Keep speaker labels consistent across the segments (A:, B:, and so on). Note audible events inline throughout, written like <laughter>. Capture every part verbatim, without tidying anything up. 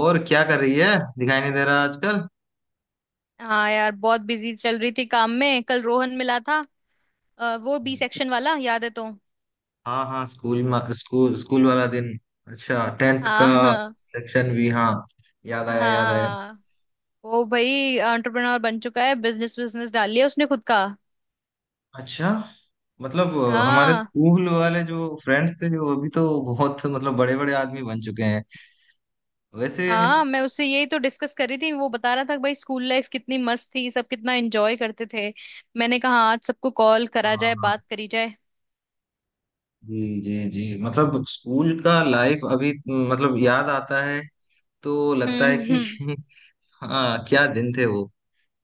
A: और क्या कर रही है? दिखाई नहीं दे रहा आजकल।
B: हाँ यार, बहुत बिजी चल रही थी काम में। कल रोहन मिला था, अ, वो बी
A: अरे,
B: सेक्शन वाला, याद है? तो
A: हाँ हाँ, स्कूल में स्कूल स्कूल वाला दिन। अच्छा, टेंथ का
B: हाँ हाँ।
A: सेक्शन भी, हाँ। याद आया याद आया।
B: हाँ, वो भाई एंटरप्रेन्योर बन चुका है, बिजनेस बिजनेस डाल लिया उसने खुद का।
A: अच्छा, मतलब अ, हमारे
B: हाँ
A: स्कूल वाले जो फ्रेंड्स थे वो अभी तो बहुत, मतलब बड़े बड़े आदमी बन चुके हैं वैसे।
B: हाँ, मैं उससे यही तो डिस्कस कर रही थी। वो बता रहा था कि भाई स्कूल लाइफ कितनी मस्त थी, सब कितना एंजॉय करते थे। मैंने कहा, "हाँ, आज सबको कॉल करा
A: हाँ
B: जाए,
A: हाँ,
B: बात करी जाए।"
A: जी जी जी। मतलब स्कूल का लाइफ अभी, मतलब याद आता है तो लगता है
B: हम्म
A: कि
B: हम्म,
A: <laughs> हाँ, क्या दिन थे वो।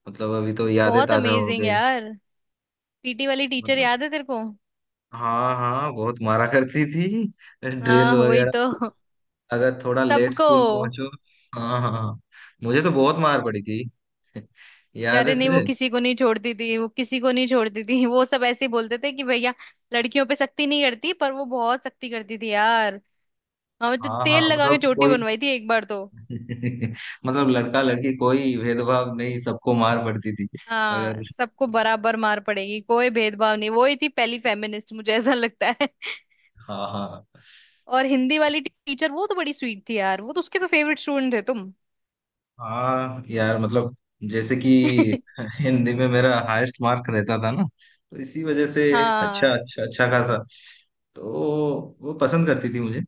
A: मतलब अभी तो यादें
B: बहुत
A: ताजा हो
B: अमेजिंग
A: गई।
B: यार। पीटी वाली टीचर
A: मतलब
B: याद है तेरे को?
A: हाँ हाँ, बहुत मारा करती थी, ड्रिल
B: हाँ वही
A: वगैरह।
B: तो।
A: अगर थोड़ा लेट
B: सबको।
A: स्कूल पहुंचो, हाँ हाँ हाँ। मुझे तो बहुत मार पड़ी थी। <laughs> याद है
B: अरे नहीं, वो
A: तुझे?
B: किसी को नहीं छोड़ती थी, वो किसी को नहीं छोड़ती थी। वो सब ऐसे ही बोलते थे कि भैया लड़कियों पे सख्ती नहीं करती, पर वो बहुत सख्ती करती थी यार। हमें तो
A: हाँ
B: तेल
A: हाँ,
B: लगा के
A: मतलब
B: चोटी
A: कोई
B: बनवाई थी एक बार तो।
A: <laughs> मतलब लड़का लड़की कोई भेदभाव नहीं, सबको मार पड़ती थी। अगर,
B: हाँ, सबको बराबर मार पड़ेगी, कोई भेदभाव नहीं। वो ही थी पहली फेमिनिस्ट, मुझे ऐसा लगता है।
A: हाँ हाँ
B: <laughs> और हिंदी वाली टीचर, वो तो बड़ी स्वीट थी यार। वो तो, उसके तो फेवरेट स्टूडेंट थे तुम।
A: हाँ। यार मतलब जैसे कि
B: <laughs>
A: हिंदी में मेरा हाईएस्ट मार्क रहता था ना, तो इसी वजह से। अच्छा
B: हाँ।
A: अच्छा, अच्छा खासा, तो वो पसंद करती थी मुझे।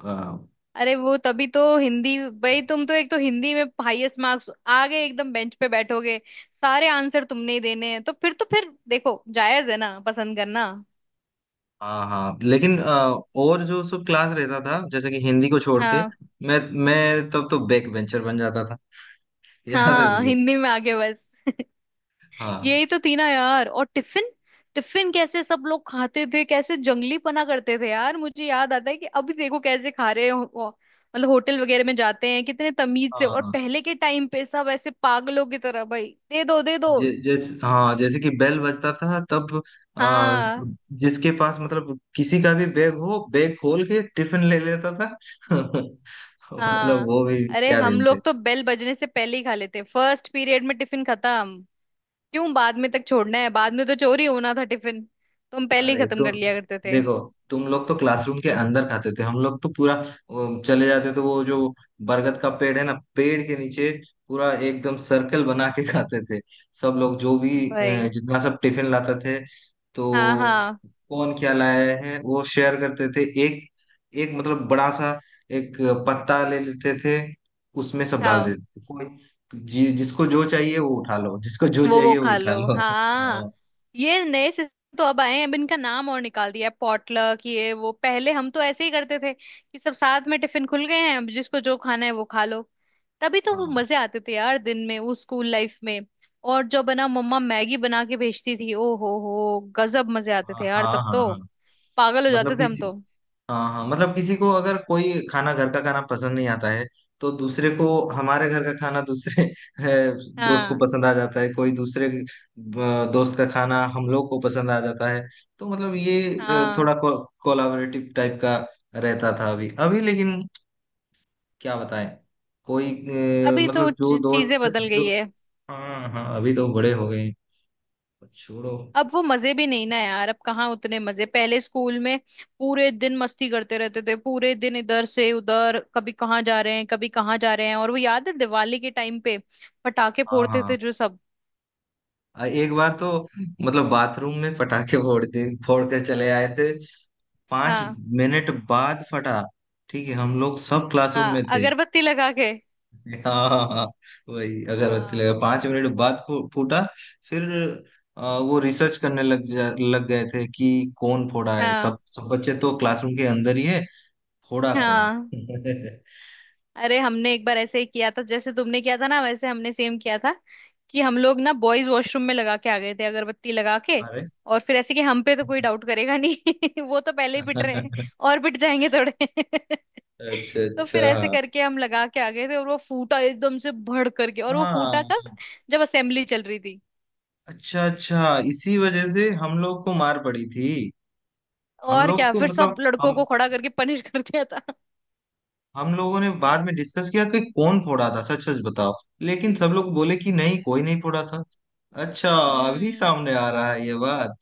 A: हाँ,
B: अरे वो तभी तो हिंदी। भाई तुम तो एक तो हिंदी में हाईएस्ट मार्क्स, आगे एकदम बेंच पे बैठोगे, सारे आंसर तुमने ही देने हैं, तो फिर तो फिर देखो, जायज है ना पसंद करना।
A: हाँ हाँ, लेकिन अ, और जो सब क्लास रहता था जैसे कि हिंदी को छोड़ के,
B: हाँ
A: मैं मैं तब तो बैक बेंचर बन जाता था। <laughs>
B: हाँ।
A: याद है
B: हाँ,
A: तुझे?
B: हिंदी में आगे बस। <laughs>
A: हाँ
B: यही तो थी ना यार। और टिफिन, टिफिन कैसे सब लोग खाते थे, कैसे जंगलीपना करते थे यार। मुझे याद आता है कि अभी देखो कैसे खा रहे हो हो- मतलब होटल वगैरह में जाते हैं कितने तमीज से, और
A: हाँ।
B: पहले के टाइम पे सब ऐसे पागलों की तरह भाई, दे दो दे दो।
A: जे, जैस, हाँ जैसे कि बेल बजता था, तब आ,
B: हाँ
A: जिसके पास, मतलब किसी का भी बैग हो बैग खोल के टिफिन ले लेता था। <laughs> मतलब
B: हाँ।
A: वो भी
B: अरे
A: क्या
B: हम
A: दिन थे।
B: लोग तो बेल बजने से पहले ही खा लेते, फर्स्ट पीरियड में टिफिन खत्म। क्यों बाद में तक छोड़ना है? बाद में तो चोरी होना था टिफिन, तो हम पहले ही
A: अरे
B: खत्म कर
A: तुम
B: लिया करते थे।
A: देखो, तुम लोग तो क्लासरूम के अंदर खाते थे, हम लोग तो पूरा वो, चले जाते थे, वो जो बरगद का पेड़ है ना, पेड़ के नीचे पूरा एकदम सर्कल बना के खाते थे। सब लोग जो भी अ,
B: भाई।
A: जितना सब टिफिन लाते थे, तो
B: हाँ हाँ।
A: कौन क्या लाया है वो शेयर करते थे। एक, एक मतलब बड़ा सा एक पत्ता ले लेते थे, उसमें सब डाल
B: हाँ,
A: देते थे। कोई, जि, जिसको जो चाहिए वो उठा लो, जिसको जो
B: वो वो
A: चाहिए वो
B: खा
A: उठा
B: लो,
A: लो।
B: हाँ। ये नए सिस्टम तो अब आए हैं, अब इनका नाम और निकाल दिया है, पॉटलक। ये वो पहले हम तो ऐसे ही करते थे कि सब साथ में टिफिन खुल गए हैं, अब जिसको जो खाना है वो खा लो। तभी तो वो मजे
A: <laughs>
B: आते थे यार दिन में, वो स्कूल लाइफ में। और जो बना मम्मा मैगी बना के भेजती थी, ओ हो हो गजब मजे आते
A: हाँ
B: थे यार
A: हाँ
B: तब
A: हाँ हाँ
B: तो।
A: हाँ,
B: पागल हो जाते
A: मतलब
B: थे हम
A: किसी,
B: तो।
A: हाँ हाँ, मतलब किसी को अगर कोई खाना घर का खाना पसंद नहीं आता है तो दूसरे को, हमारे घर का खाना दूसरे अ, दोस्त को
B: हाँ
A: पसंद आ जाता है, कोई दूसरे अ, दोस्त का खाना हम लोग को पसंद आ जाता है। तो मतलब ये अ,
B: हाँ।
A: थोड़ा को, कोलाबरेटिव टाइप का रहता था अभी अभी, लेकिन क्या बताएं। कोई अ,
B: अभी तो
A: मतलब जो
B: च- चीजें
A: दोस्त
B: बदल गई
A: जो,
B: है।
A: हाँ हाँ अभी तो बड़े हो गए हैं, छोड़ो।
B: अब वो मजे भी नहीं ना यार। अब कहाँ उतने मजे, पहले स्कूल में पूरे दिन मस्ती करते रहते थे। पूरे दिन इधर से उधर, कभी कहाँ जा रहे हैं, कभी कहाँ जा रहे हैं। और वो याद है दिवाली के टाइम पे पटाखे
A: हाँ
B: फोड़ते
A: हाँ
B: थे जो सब।
A: आ, एक बार तो <laughs> मतलब बाथरूम में पटाखे फोड़ के फोड़ कर चले आए थे। पांच
B: हाँ
A: मिनट बाद फटा। ठीक है, हम लोग सब क्लासरूम में
B: हाँ,
A: थे।
B: अगरबत्ती लगा के।
A: <laughs> हाँ हाँ हाँ, वही अगरबत्ती
B: हाँ
A: लगा, पांच मिनट बाद फू- फूटा। फिर आ, वो रिसर्च करने लग जा लग गए थे कि कौन फोड़ा है,
B: हाँ
A: सब सब बच्चे तो क्लासरूम के अंदर ही है, फोड़ा कौन।
B: हाँ।
A: <laughs>
B: अरे हमने एक बार ऐसे ही किया था, जैसे तुमने किया था ना, वैसे हमने सेम किया था कि हम लोग ना बॉयज वॉशरूम में लगा के आ गए थे अगरबत्ती लगा के।
A: अरे
B: और फिर ऐसे कि हम पे तो कोई डाउट करेगा नहीं, <laughs> वो तो पहले ही पिट रहे हैं, और पिट जाएंगे थोड़े। <laughs>
A: अच्छा
B: तो फिर ऐसे
A: अच्छा,
B: करके हम लगा के आ गए थे, और वो फूटा एकदम से भड़ करके। और वो
A: हाँ
B: फूटा
A: हाँ,
B: कब? जब असेंबली चल रही थी।
A: अच्छा अच्छा, इसी वजह से हम लोग को मार पड़ी थी। हम
B: और
A: लोग
B: क्या,
A: को,
B: फिर
A: मतलब
B: सब लड़कों
A: हम
B: को खड़ा करके पनिश <laughs> कर दिया था।
A: हम लोगों ने बाद में डिस्कस किया कि कौन फोड़ा था, सच सच बताओ, लेकिन सब लोग बोले कि नहीं, कोई नहीं फोड़ा था। अच्छा, अभी
B: हम्म।
A: सामने आ रहा है ये बात।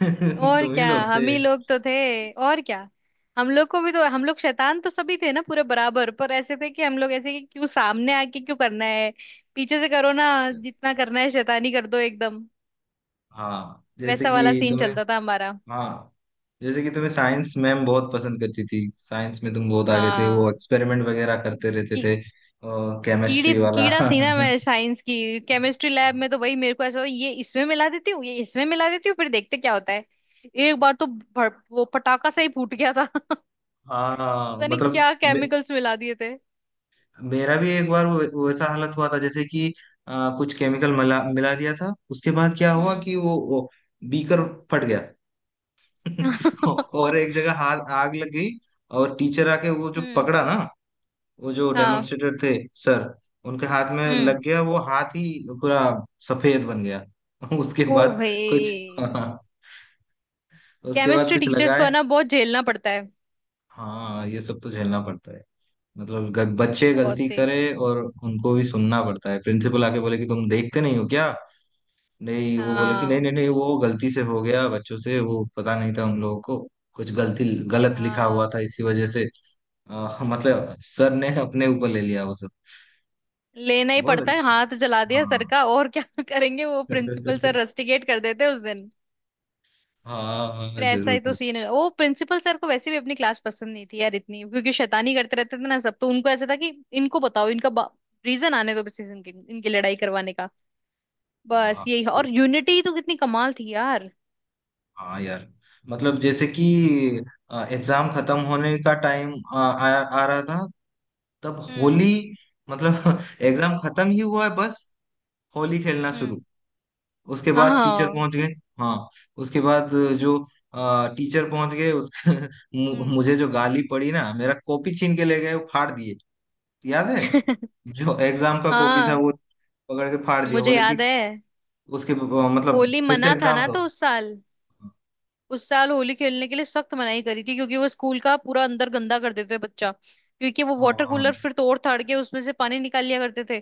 A: <laughs>
B: और
A: तुम ही
B: क्या,
A: लोग
B: हम
A: थे।
B: ही लोग तो थे, और क्या। हम लोग को भी तो, हम लोग शैतान तो सभी थे ना पूरे बराबर, पर ऐसे थे कि हम लोग ऐसे कि क्यों सामने आके क्यों करना है, पीछे से करो ना। जितना करना है शैतानी कर दो एकदम।
A: हाँ जैसे
B: वैसा
A: कि
B: वाला सीन
A: तुम्हें,
B: चलता था हमारा।
A: हाँ जैसे कि तुम्हें साइंस मैम बहुत पसंद करती थी, साइंस में तुम बहुत आगे थे, वो
B: हाँ।
A: एक्सपेरिमेंट वगैरह करते रहते
B: की,
A: थे।
B: कीड़ी
A: केमिस्ट्री वाला
B: कीड़ा थी ना
A: <laughs>
B: मैं साइंस की। केमिस्ट्री लैब में तो भाई मेरे को ऐसा होता, ये इसमें मिला देती हूँ, ये इसमें मिला देती हूँ, फिर देखते क्या होता है। एक बार तो भड़, वो पटाखा सा ही फूट गया था। <laughs>
A: हाँ,
B: पता नहीं
A: मतलब
B: क्या
A: मे-
B: केमिकल्स मिला दिए थे।
A: मेरा भी एक बार वो वैसा हालत हुआ था। जैसे कि अ, कुछ केमिकल मिला मिला दिया था, उसके बाद क्या हुआ
B: हम्म।
A: कि वो, वो बीकर फट गया। <laughs> और
B: <laughs>
A: एक जगह हाथ आग लग गई, और टीचर आके वो जो
B: हम्म।
A: पकड़ा ना, वो जो
B: हाँ।
A: डेमोन्स्ट्रेटर थे सर, उनके हाथ में
B: हम्म।
A: लग गया वो, हाथ ही पूरा सफेद बन गया। <laughs> उसके
B: ओ
A: बाद कुछ
B: भाई।
A: <laughs> उसके बाद
B: केमिस्ट्री
A: कुछ
B: टीचर्स को है
A: लगाए।
B: ना बहुत झेलना पड़ता है।
A: हाँ ये सब तो झेलना पड़ता है। मतलब ग- बच्चे गलती
B: बहुत ही।
A: करे, और उनको भी सुनना पड़ता है। प्रिंसिपल आके बोले कि तुम देखते नहीं हो क्या? नहीं वो बोले कि नहीं
B: हाँ
A: नहीं नहीं, वो गलती से हो गया बच्चों से, वो पता नहीं था हम लोगों को, कुछ गलती गलत लिखा हुआ
B: हाँ,
A: था इसी वजह से अ, मतलब सर ने अपने ऊपर ले लिया वो सब।
B: लेना ही
A: बहुत
B: पड़ता है।
A: अच्छा।
B: हाथ जला दिया सर
A: हाँ
B: का, और क्या <laughs> करेंगे? वो प्रिंसिपल सर
A: <laughs>
B: रस्टिकेट कर देते हैं उस दिन।
A: हाँ हाँ,
B: फिर ऐसा
A: जरूर
B: ही तो
A: जरूर।
B: सीन है। वो प्रिंसिपल सर को वैसे भी अपनी क्लास पसंद नहीं थी यार इतनी, क्योंकि शैतानी करते रहते थे ना सब, तो उनको ऐसा था कि इनको बताओ, इनका रीजन आने दो बस, इनकी इनकी लड़ाई करवाने का, बस
A: हाँ
B: यही।
A: ये-,
B: और यूनिटी तो कितनी कमाल थी यार।
A: हाँ यार, मतलब जैसे कि एग्जाम खत्म होने का टाइम आ, आ, आ रहा था, तब
B: हम्म
A: होली, मतलब <laughs> एग्जाम खत्म ही हुआ है बस, होली खेलना
B: हम्म।
A: शुरू, उसके
B: हाँ
A: बाद टीचर
B: हाँ।
A: पहुंच गए। हाँ उसके बाद जो अ, टीचर पहुंच गए उस <laughs> मु-
B: हम्म।
A: मुझे जो गाली पड़ी ना, मेरा कॉपी छीन के ले गए, वो फाड़ दिए। याद है?
B: <laughs>
A: जो एग्जाम का कॉपी था
B: हाँ,
A: वो पकड़ के फाड़ दिया,
B: मुझे
A: बोले
B: याद
A: कि
B: है।
A: उसके अ, मतलब
B: होली
A: फिर से
B: मना था
A: एग्जाम
B: ना
A: दो।
B: तो उस साल। उस साल होली खेलने के लिए सख्त मनाही करी थी, क्योंकि वो स्कूल का पूरा अंदर गंदा कर देते थे बच्चा, क्योंकि वो
A: हाँ
B: वाटर
A: हाँ
B: कूलर फिर तोड़ ताड़ के उसमें से पानी निकाल लिया करते थे।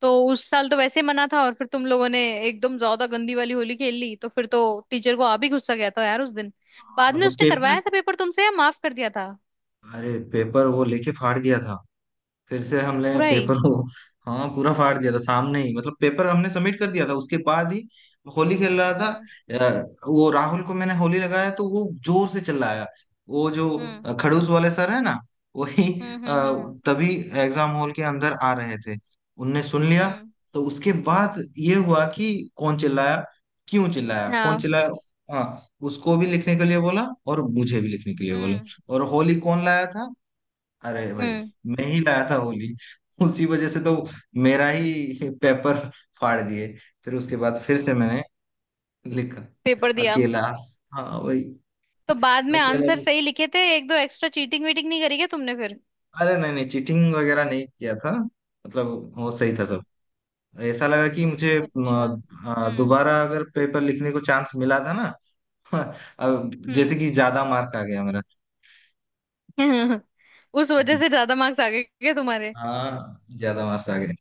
B: तो उस साल तो वैसे मना था, और फिर तुम लोगों ने एकदम ज्यादा गंदी वाली होली खेल ली, तो फिर तो टीचर को आ भी गुस्सा गया था यार उस दिन।
A: हाँ,
B: बाद में
A: मतलब
B: उसने
A: पेपर,
B: करवाया था पेपर तुमसे या माफ कर दिया था?
A: अरे पेपर वो लेके फाड़ दिया था, फिर से हमने
B: पूरा ही।
A: पेपर को, हाँ पूरा फाड़ दिया था सामने ही। मतलब पेपर हमने सबमिट कर दिया था, उसके बाद ही होली खेल रहा था।
B: हम्म
A: अ, वो राहुल को मैंने होली लगाया तो वो जोर से चिल्लाया। वो जो
B: हम्म
A: अ, खड़ूस वाले सर है ना, वही
B: हम्म
A: अ,
B: हम्म हम्म
A: तभी एग्जाम हॉल के अंदर आ रहे थे, उनने सुन लिया।
B: हम्म,
A: तो उसके बाद ये हुआ कि कौन चिल्लाया, क्यों चिल्लाया, कौन
B: हाँ
A: चिल्लाया। हाँ उसको भी लिखने के लिए बोला और मुझे भी लिखने के लिए बोला,
B: हम्म
A: और होली कौन लाया था। अरे भाई
B: हम्म।
A: मैं ही लाया था होली, उसी वजह से तो मेरा ही पेपर फाड़ दिए। फिर उसके बाद फिर से मैंने लिखा,
B: पेपर दिया।
A: अकेला। हाँ वही,
B: तो बाद में
A: अकेला।
B: आंसर सही लिखे थे, एक दो एक्स्ट्रा चीटिंग वीटिंग नहीं करी क्या तुमने फिर?
A: अरे नहीं नहीं चीटिंग वगैरह नहीं किया था, मतलब वो सही था सब।
B: हम्म,
A: ऐसा लगा कि मुझे म,
B: अच्छा।
A: आ,
B: हम्म
A: दोबारा अगर पेपर लिखने को चांस मिला था ना। <laughs> अब जैसे कि ज्यादा मार्क आ गया मेरा।
B: हम्म। <laughs> उस वजह से
A: <laughs>
B: ज्यादा मार्क्स आ गए क्या तुम्हारे?
A: हाँ ज्यादा मार्क्स आ गए,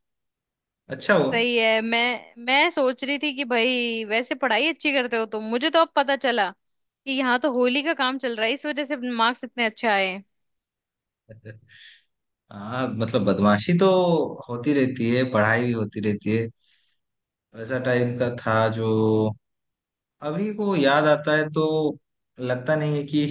A: अच्छा हुआ।
B: सही है। मैं मैं सोच रही थी कि भाई वैसे पढ़ाई अच्छी करते हो तुम, मुझे तो अब पता चला कि यहाँ तो होली का काम चल रहा है, इस वजह से मार्क्स इतने अच्छे आए हैं।
A: <laughs> हाँ मतलब बदमाशी तो होती रहती है, पढ़ाई भी होती रहती है। वैसा टाइप का था जो, अभी वो याद आता है तो लगता नहीं है कि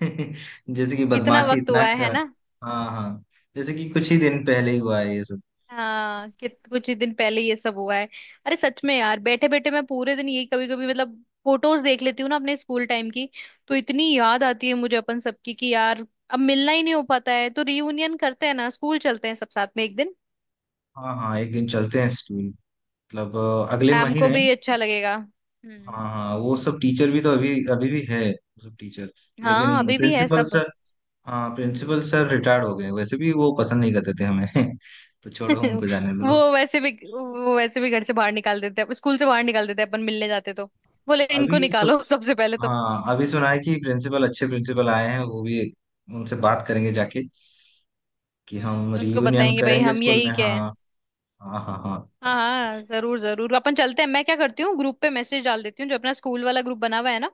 A: <laughs> जैसे कि
B: इतना
A: बदमाशी
B: वक्त
A: इतना
B: हुआ है है
A: कर,
B: ना।
A: हाँ हाँ जैसे कि कुछ ही दिन पहले ही हुआ है ये सब।
B: हाँ, कि कुछ ही दिन पहले ये सब हुआ है। अरे सच में यार, बैठे बैठे मैं पूरे दिन यही, कभी कभी मतलब फोटोज देख लेती हूँ ना अपने स्कूल टाइम की, तो इतनी याद आती है मुझे अपन सबकी कि यार अब मिलना ही नहीं हो पाता है, तो रियूनियन करते हैं ना, स्कूल चलते हैं सब साथ में एक दिन।
A: हाँ हाँ, एक दिन चलते हैं स्कूल, मतलब अ, अगले
B: मैम को
A: महीने।
B: भी अच्छा लगेगा। हम्म।
A: हाँ हाँ, वो सब टीचर भी तो अभी अभी भी है, वो सब टीचर। लेकिन
B: हाँ, अभी भी है
A: प्रिंसिपल
B: सब।
A: सर, हाँ प्रिंसिपल सर रिटायर्ड हो गए, वैसे भी वो पसंद नहीं करते थे हमें। <laughs> तो छोड़ो, उनको
B: <laughs>
A: जाने दो।
B: वो वैसे भी वो वैसे भी घर से बाहर निकाल देते हैं, स्कूल से बाहर निकाल देते हैं, अपन मिलने जाते तो बोले इनको
A: अभी सु,
B: निकालो सबसे पहले तो।
A: हाँ अभी सुना है कि प्रिंसिपल, अच्छे प्रिंसिपल आए हैं, वो भी, उनसे बात करेंगे जाके कि हम
B: हम्म, उनको
A: रियूनियन
B: बताएंगे भाई
A: करेंगे
B: हम
A: स्कूल में,
B: यही क्या
A: हाँ।
B: है।
A: हाँ हाँ
B: हाँ
A: हाँ
B: हाँ जरूर जरूर, अपन चलते हैं। मैं क्या करती हूँ, ग्रुप पे मैसेज डाल देती हूँ, जो अपना स्कूल वाला ग्रुप बना हुआ है ना,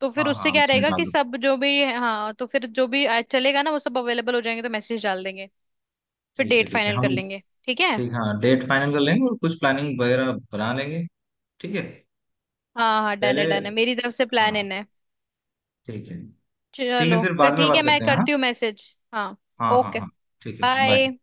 B: तो फिर
A: हाँ
B: उससे
A: हाँ
B: क्या
A: उसमें
B: रहेगा
A: डाल
B: कि
A: दो।
B: सब जो भी हाँ, तो फिर जो भी आ- चलेगा ना वो सब अवेलेबल हो जाएंगे, तो मैसेज डाल देंगे। फिर
A: ठीक है
B: डेट
A: ठीक है
B: फाइनल कर
A: हम,
B: लेंगे। ठीक है।
A: ठीक हाँ, डेट फाइनल कर लेंगे और कुछ प्लानिंग वगैरह बना लेंगे। ठीक है।
B: हाँ हाँ, डन
A: पहले,
B: है डन है, मेरी तरफ से
A: हाँ,
B: प्लान इन है।
A: ठीक है। ठीक है,
B: चलो
A: फिर
B: फिर
A: बाद में
B: ठीक
A: बात
B: है, मैं
A: करते हैं। हाँ
B: करती हूँ मैसेज, हाँ।
A: हाँ हाँ
B: ओके,
A: हाँ। ठीक है, बाय।
B: बाय।